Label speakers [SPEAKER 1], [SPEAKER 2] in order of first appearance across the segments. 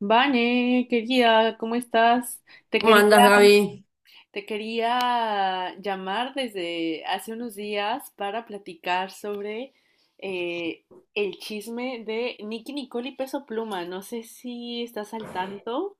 [SPEAKER 1] Vane, querida, ¿cómo estás? Te
[SPEAKER 2] ¿Cómo
[SPEAKER 1] quería,
[SPEAKER 2] andas, Gaby?
[SPEAKER 1] te quería llamar desde hace unos días para platicar sobre eh, el chisme de Nicki Nicole y Peso Pluma. No sé si estás al tanto.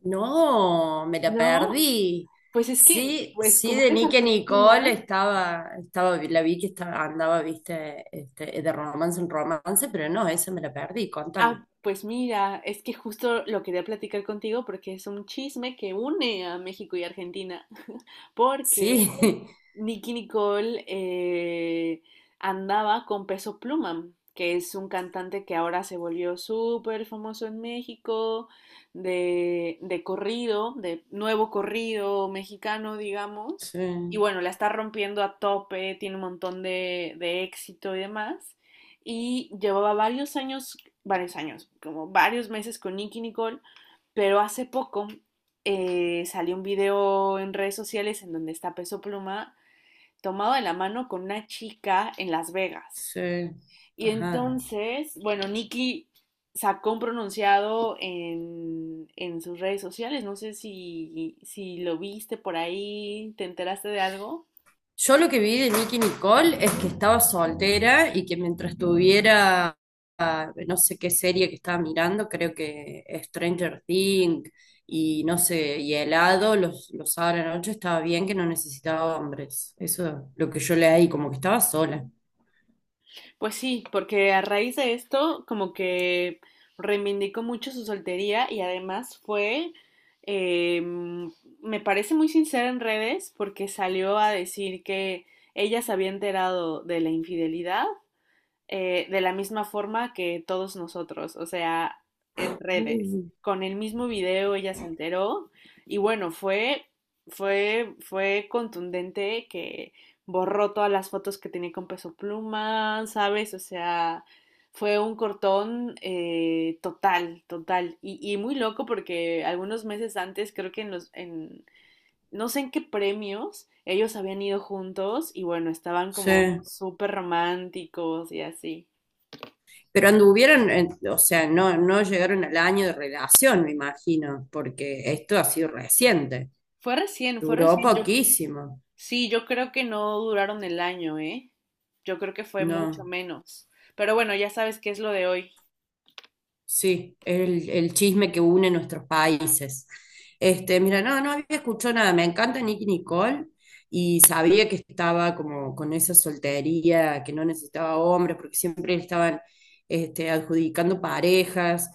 [SPEAKER 2] No, me la
[SPEAKER 1] No,
[SPEAKER 2] perdí.
[SPEAKER 1] pues es que,
[SPEAKER 2] Sí,
[SPEAKER 1] pues
[SPEAKER 2] sí,
[SPEAKER 1] como
[SPEAKER 2] de
[SPEAKER 1] eres
[SPEAKER 2] Nick
[SPEAKER 1] argentina,
[SPEAKER 2] Nicole estaba, la vi que estaba, andaba, viste, este, de romance en romance, pero no, esa me la perdí, contame.
[SPEAKER 1] pues mira, es que justo lo quería platicar contigo porque es un chisme que une a México y Argentina, porque
[SPEAKER 2] Sí,
[SPEAKER 1] Nicki Nicole andaba con Peso Pluma, que es un cantante que ahora se volvió súper famoso en México, de corrido, de nuevo corrido mexicano, digamos. Y
[SPEAKER 2] sí,
[SPEAKER 1] bueno, la está rompiendo a tope, tiene un montón de éxito y demás. Y llevaba varios años, como varios meses con Nicki Nicole, pero hace poco salió un video en redes sociales en donde está Peso Pluma tomado de la mano con una chica en Las Vegas.
[SPEAKER 2] sí,
[SPEAKER 1] Y
[SPEAKER 2] ajá.
[SPEAKER 1] entonces, bueno, Nicky sacó un pronunciado en sus redes sociales. No sé si, si lo viste por ahí, te enteraste de algo.
[SPEAKER 2] Yo lo que vi de Nicki Nicole es que estaba soltera y que mientras tuviera no sé qué serie que estaba mirando, creo que Stranger Things y no sé, y helado, los sábados a la noche estaba bien que no necesitaba hombres. Eso es lo que yo leí, como que estaba sola.
[SPEAKER 1] Pues sí, porque a raíz de esto, como que reivindicó mucho su soltería y además eh, me parece muy sincera en redes porque salió a decir que ella se había enterado de la infidelidad de la misma forma que todos nosotros, o sea, en redes.
[SPEAKER 2] Mm.
[SPEAKER 1] Con el mismo video ella se enteró y bueno, fue contundente que borró todas las fotos que tenía con Peso Pluma, ¿sabes? O sea, fue un cortón total, total. Y muy loco porque algunos meses antes, creo que en no sé en qué premios, ellos habían ido juntos y bueno, estaban como
[SPEAKER 2] Sí.
[SPEAKER 1] súper románticos y así.
[SPEAKER 2] Pero anduvieron, o sea, no llegaron al año de relación, me imagino, porque esto ha sido reciente.
[SPEAKER 1] Fue recién, fue
[SPEAKER 2] Duró
[SPEAKER 1] recién. Yo,
[SPEAKER 2] poquísimo.
[SPEAKER 1] sí, yo creo que no duraron el año, ¿eh? Yo creo que fue mucho
[SPEAKER 2] No.
[SPEAKER 1] menos. Pero bueno, ya sabes qué es lo de hoy.
[SPEAKER 2] Sí, el chisme que une nuestros países. Este, mira, no había escuchado nada. Me encanta Nicki Nicole y sabía que estaba como con esa soltería, que no necesitaba hombres, porque siempre le estaban este, adjudicando parejas.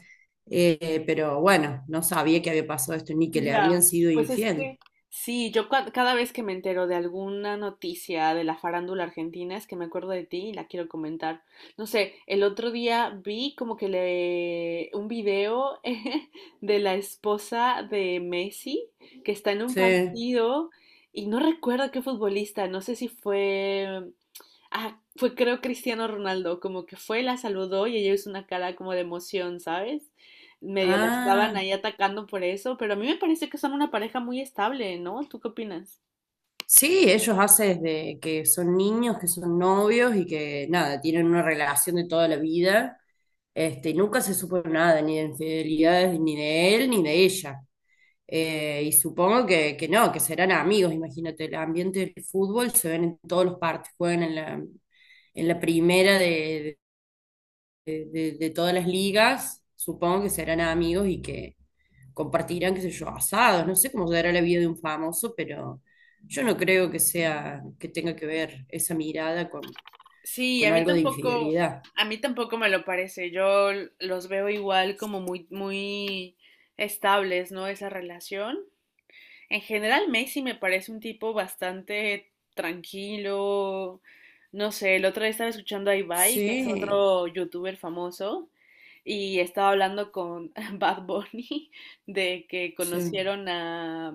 [SPEAKER 2] Pero bueno, no sabía que había pasado esto ni que le habían
[SPEAKER 1] Ya,
[SPEAKER 2] sido
[SPEAKER 1] pues es
[SPEAKER 2] infiel.
[SPEAKER 1] que sí, yo cada vez que me entero de alguna noticia de la farándula argentina es que me acuerdo de ti y la quiero comentar. No sé, el otro día vi como que le un video de la esposa de Messi que está en un
[SPEAKER 2] Sí.
[SPEAKER 1] partido y no recuerdo qué futbolista, no sé si fue Ah, fue creo Cristiano Ronaldo, como que fue, la saludó y ella hizo una cara como de emoción, ¿sabes? Medio la estaban
[SPEAKER 2] Ah.
[SPEAKER 1] ahí atacando por eso, pero a mí me parece que son una pareja muy estable, ¿no? ¿Tú qué opinas?
[SPEAKER 2] Sí, ellos hacen desde que son niños, que son novios y que nada, tienen una relación de toda la vida. Este, nunca se supo nada, ni de infidelidades, ni de él, ni de ella. Y supongo que no, que serán amigos, imagínate, el ambiente del fútbol se ven en todos los partidos, juegan en la primera de todas las ligas, supongo que serán amigos y que compartirán, qué sé yo, asados, no sé cómo será la vida de un famoso, pero yo no creo que sea, que tenga que ver esa mirada
[SPEAKER 1] Sí,
[SPEAKER 2] con algo de infidelidad.
[SPEAKER 1] a mí tampoco me lo parece. Los veo igual como muy, muy estables, ¿no? Esa relación. En general, Messi me parece un tipo bastante tranquilo. No sé, el otro día estaba escuchando a Ibai, que es
[SPEAKER 2] Sí,
[SPEAKER 1] otro youtuber famoso, y estaba hablando con Bad Bunny de que
[SPEAKER 2] sí,
[SPEAKER 1] conocieron a,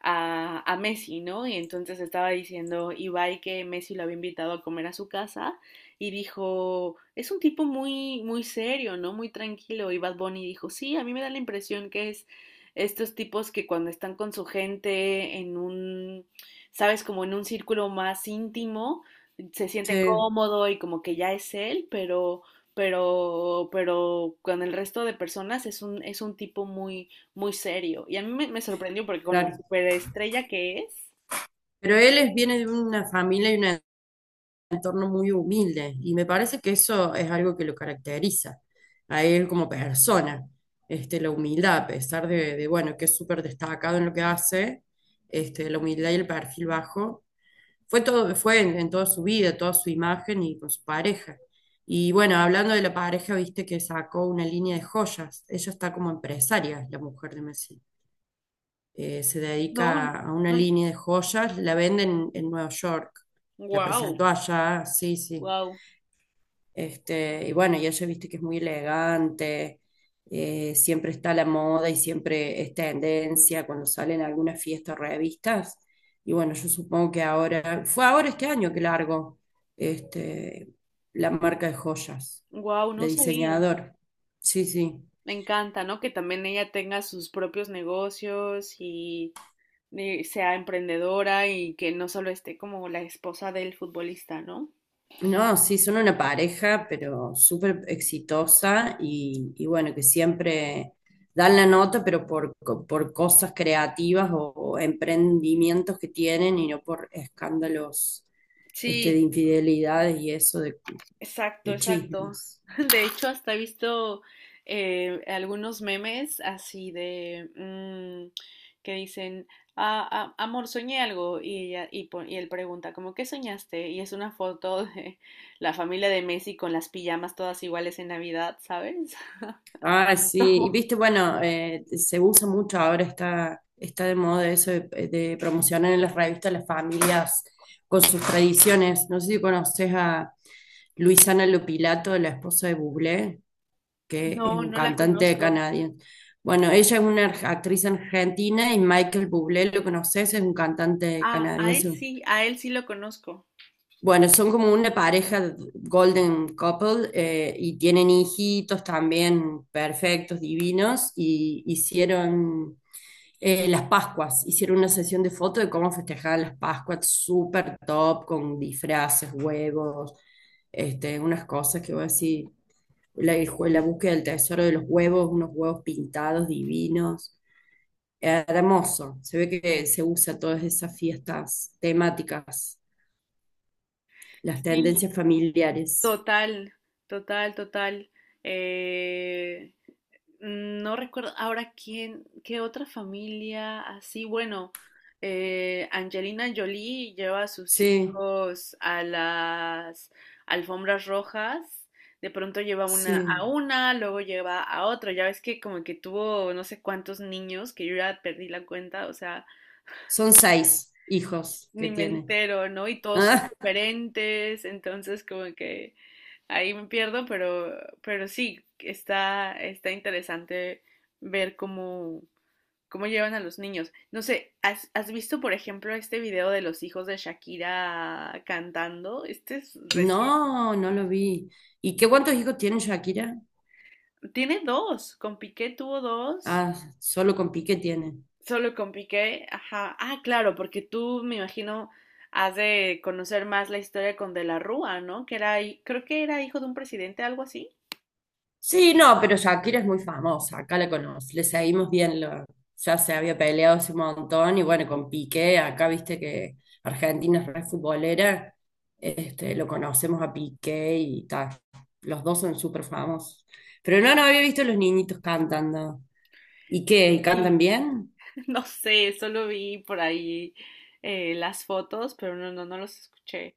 [SPEAKER 1] a, a Messi, ¿no? Y entonces estaba diciendo Ibai que Messi lo había invitado a comer a su casa y dijo, es un tipo muy, muy serio, ¿no? Muy tranquilo. Y Bad Bunny dijo, sí, a mí me da la impresión que es estos tipos que cuando están con su gente en un, sabes, como en un círculo más íntimo, se siente
[SPEAKER 2] sí,
[SPEAKER 1] cómodo y como que ya es él, pero, pero con el resto de personas es un tipo muy, muy serio. Y a mí me, me sorprendió porque con lo
[SPEAKER 2] claro.
[SPEAKER 1] superestrella que es,
[SPEAKER 2] Pero viene de una familia y una entorno muy humilde y me parece que eso es algo que lo caracteriza a él como persona, este, la humildad, a pesar de, bueno, que es súper destacado en lo que hace, este, la humildad y el perfil bajo, fue todo, fue en toda su vida, toda su imagen y con su pareja. Y bueno, hablando de la pareja, viste que sacó una línea de joyas, ella está como empresaria, la mujer de Messi. Se
[SPEAKER 1] no,
[SPEAKER 2] dedica a una
[SPEAKER 1] no,
[SPEAKER 2] línea de joyas, la venden en Nueva York. La
[SPEAKER 1] wow,
[SPEAKER 2] presentó allá, sí, sí.
[SPEAKER 1] wow,
[SPEAKER 2] Este, y bueno, y ella viste que es muy elegante, siempre está a la moda y siempre es tendencia cuando salen algunas fiestas o revistas. Y bueno, yo supongo que ahora, fue ahora este año que largo este, la marca de joyas,
[SPEAKER 1] wow, no
[SPEAKER 2] de
[SPEAKER 1] sabía.
[SPEAKER 2] diseñador. Sí, sí.
[SPEAKER 1] Me encanta, ¿no? Que también ella tenga sus propios negocios y, sea emprendedora y que no solo esté como la esposa del futbolista, ¿no?
[SPEAKER 2] No, sí, son una pareja, pero súper exitosa y bueno, que siempre dan la nota, pero por, por cosas creativas o emprendimientos que tienen y no por escándalos este, de
[SPEAKER 1] Sí,
[SPEAKER 2] infidelidades y eso
[SPEAKER 1] exacto,
[SPEAKER 2] de
[SPEAKER 1] exacto.
[SPEAKER 2] chismes.
[SPEAKER 1] De hecho, hasta he visto algunos memes así de que dicen, "Ah, ah, amor, soñé algo. Y, ella, y, y él pregunta, como, ¿qué soñaste? Y es una foto de la familia de Messi con las pijamas todas iguales en Navidad, ¿sabes?
[SPEAKER 2] Ah, sí, y
[SPEAKER 1] Como,
[SPEAKER 2] viste, bueno, se usa mucho ahora, está de moda eso de promocionar en las revistas las familias con sus tradiciones. No sé si conoces a Luisana Lopilato, la esposa de Bublé, que es
[SPEAKER 1] no,
[SPEAKER 2] un
[SPEAKER 1] no la
[SPEAKER 2] cantante
[SPEAKER 1] conozco.
[SPEAKER 2] canadiense. Bueno, ella es una actriz argentina y Michael Bublé, ¿lo conoces? Es un cantante
[SPEAKER 1] Ah,
[SPEAKER 2] canadiense.
[SPEAKER 1] a él sí lo conozco.
[SPEAKER 2] Bueno, son como una pareja golden couple y tienen hijitos también perfectos, divinos, y hicieron las Pascuas, hicieron una sesión de fotos de cómo festejaban las Pascuas, súper top, con disfraces, huevos, este, unas cosas que voy a decir, la, la búsqueda del tesoro de los huevos, unos huevos pintados divinos, hermoso, se ve que se usa todas esas fiestas temáticas las
[SPEAKER 1] Sí,
[SPEAKER 2] tendencias familiares.
[SPEAKER 1] total, total, total. Eh, no recuerdo ahora quién, qué otra familia así. Bueno, Angelina Jolie lleva a sus
[SPEAKER 2] Sí,
[SPEAKER 1] hijos a las alfombras rojas. De pronto lleva una a
[SPEAKER 2] sí.
[SPEAKER 1] una, luego lleva a otro. Ya ves que como que tuvo no sé cuántos niños, que yo ya perdí la cuenta, o sea,
[SPEAKER 2] Son seis hijos que
[SPEAKER 1] ni me
[SPEAKER 2] tiene.
[SPEAKER 1] entero, ¿no? Y todos son
[SPEAKER 2] Ah,
[SPEAKER 1] diferentes, entonces como que ahí me pierdo, pero sí, está, está interesante ver cómo, cómo llevan a los niños. No sé, ¿has, has visto, por ejemplo, este video de los hijos de Shakira cantando? Este es recién.
[SPEAKER 2] no, no lo vi. ¿Y qué cuántos hijos tiene Shakira?
[SPEAKER 1] Tiene dos, con Piqué tuvo dos,
[SPEAKER 2] Ah, solo con Piqué tiene.
[SPEAKER 1] solo con Piqué, ajá. Ah, claro, porque tú me imagino has de conocer más la historia con De la Rúa, ¿no? Que era, creo que era hijo de un presidente, algo así.
[SPEAKER 2] Sí, no, pero Shakira es muy famosa, acá la conoce, le seguimos bien, ya se había peleado hace un montón y bueno, con Piqué, acá viste que Argentina es re futbolera, este, lo conocemos a Piqué y tal, los dos son súper famosos. Pero no, no había visto a los niñitos cantando. ¿Y qué? ¿Y cantan
[SPEAKER 1] Sí,
[SPEAKER 2] bien?
[SPEAKER 1] no sé, solo vi por ahí las fotos, pero no, no, no los escuché.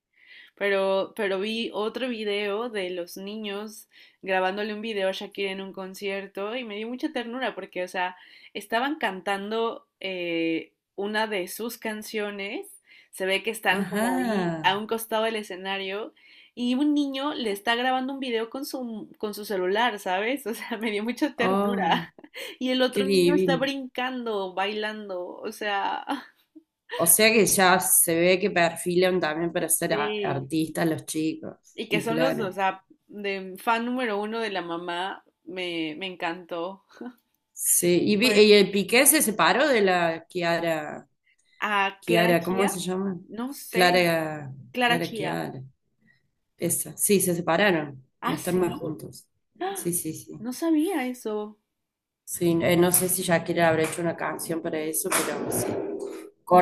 [SPEAKER 1] Pero vi otro video de los niños grabándole un video a Shakira en un concierto y me dio mucha ternura porque, o sea, estaban cantando una de sus canciones, se ve que están como ahí
[SPEAKER 2] Ajá,
[SPEAKER 1] a un costado del escenario y un niño le está grabando un video con su celular, ¿sabes? O sea, me dio mucha
[SPEAKER 2] oh,
[SPEAKER 1] ternura. Y el
[SPEAKER 2] qué
[SPEAKER 1] otro niño está
[SPEAKER 2] divino.
[SPEAKER 1] brincando, bailando, o sea,
[SPEAKER 2] O sea que ya se ve que perfilan también para ser
[SPEAKER 1] sí.
[SPEAKER 2] artistas los chicos,
[SPEAKER 1] Y que
[SPEAKER 2] y
[SPEAKER 1] son los dos, o
[SPEAKER 2] claro.
[SPEAKER 1] sea, de fan número uno de la mamá, me encantó.
[SPEAKER 2] Sí, y,
[SPEAKER 1] Pues
[SPEAKER 2] y el Piqué se separó de la Kiara,
[SPEAKER 1] a Clara
[SPEAKER 2] Kiara, ¿cómo se
[SPEAKER 1] Chía,
[SPEAKER 2] llama?
[SPEAKER 1] no sé,
[SPEAKER 2] Clara,
[SPEAKER 1] Clara
[SPEAKER 2] Clara
[SPEAKER 1] Chía.
[SPEAKER 2] Kiara, esa, sí, se separaron, no
[SPEAKER 1] Ah,
[SPEAKER 2] están más
[SPEAKER 1] sí,
[SPEAKER 2] juntos.
[SPEAKER 1] ¡ah!
[SPEAKER 2] Sí, sí, sí.
[SPEAKER 1] No sabía eso.
[SPEAKER 2] Sí, no sé si Shakira habrá hecho una canción para eso, pero sí.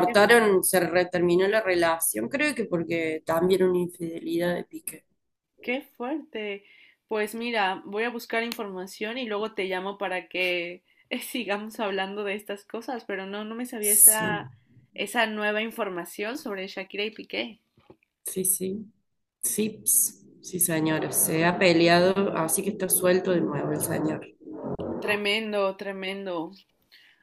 [SPEAKER 1] Qué, fu-
[SPEAKER 2] terminó la relación, creo que porque también una infidelidad de Piqué.
[SPEAKER 1] qué fuerte. Pues mira, voy a buscar información y luego te llamo para que sigamos hablando de estas cosas, pero no, no me sabía
[SPEAKER 2] Sí,
[SPEAKER 1] esa, esa nueva información sobre Shakira y Piqué.
[SPEAKER 2] sí, sí. Sí, ps, sí, señora, se ha peleado, así que está suelto de nuevo el señor.
[SPEAKER 1] Tremendo, tremendo.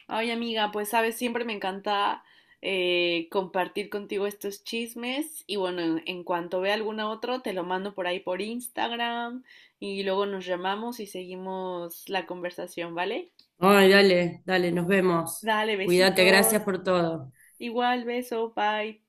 [SPEAKER 1] Ay, amiga, pues sabes, siempre me encanta compartir contigo estos chismes y bueno, en cuanto vea alguna otro, te lo mando por ahí por Instagram y luego nos llamamos y seguimos la conversación, ¿vale?
[SPEAKER 2] Ay, dale, dale, nos vemos.
[SPEAKER 1] Dale,
[SPEAKER 2] Cuídate, gracias
[SPEAKER 1] besitos.
[SPEAKER 2] por todo.
[SPEAKER 1] Igual, beso, bye.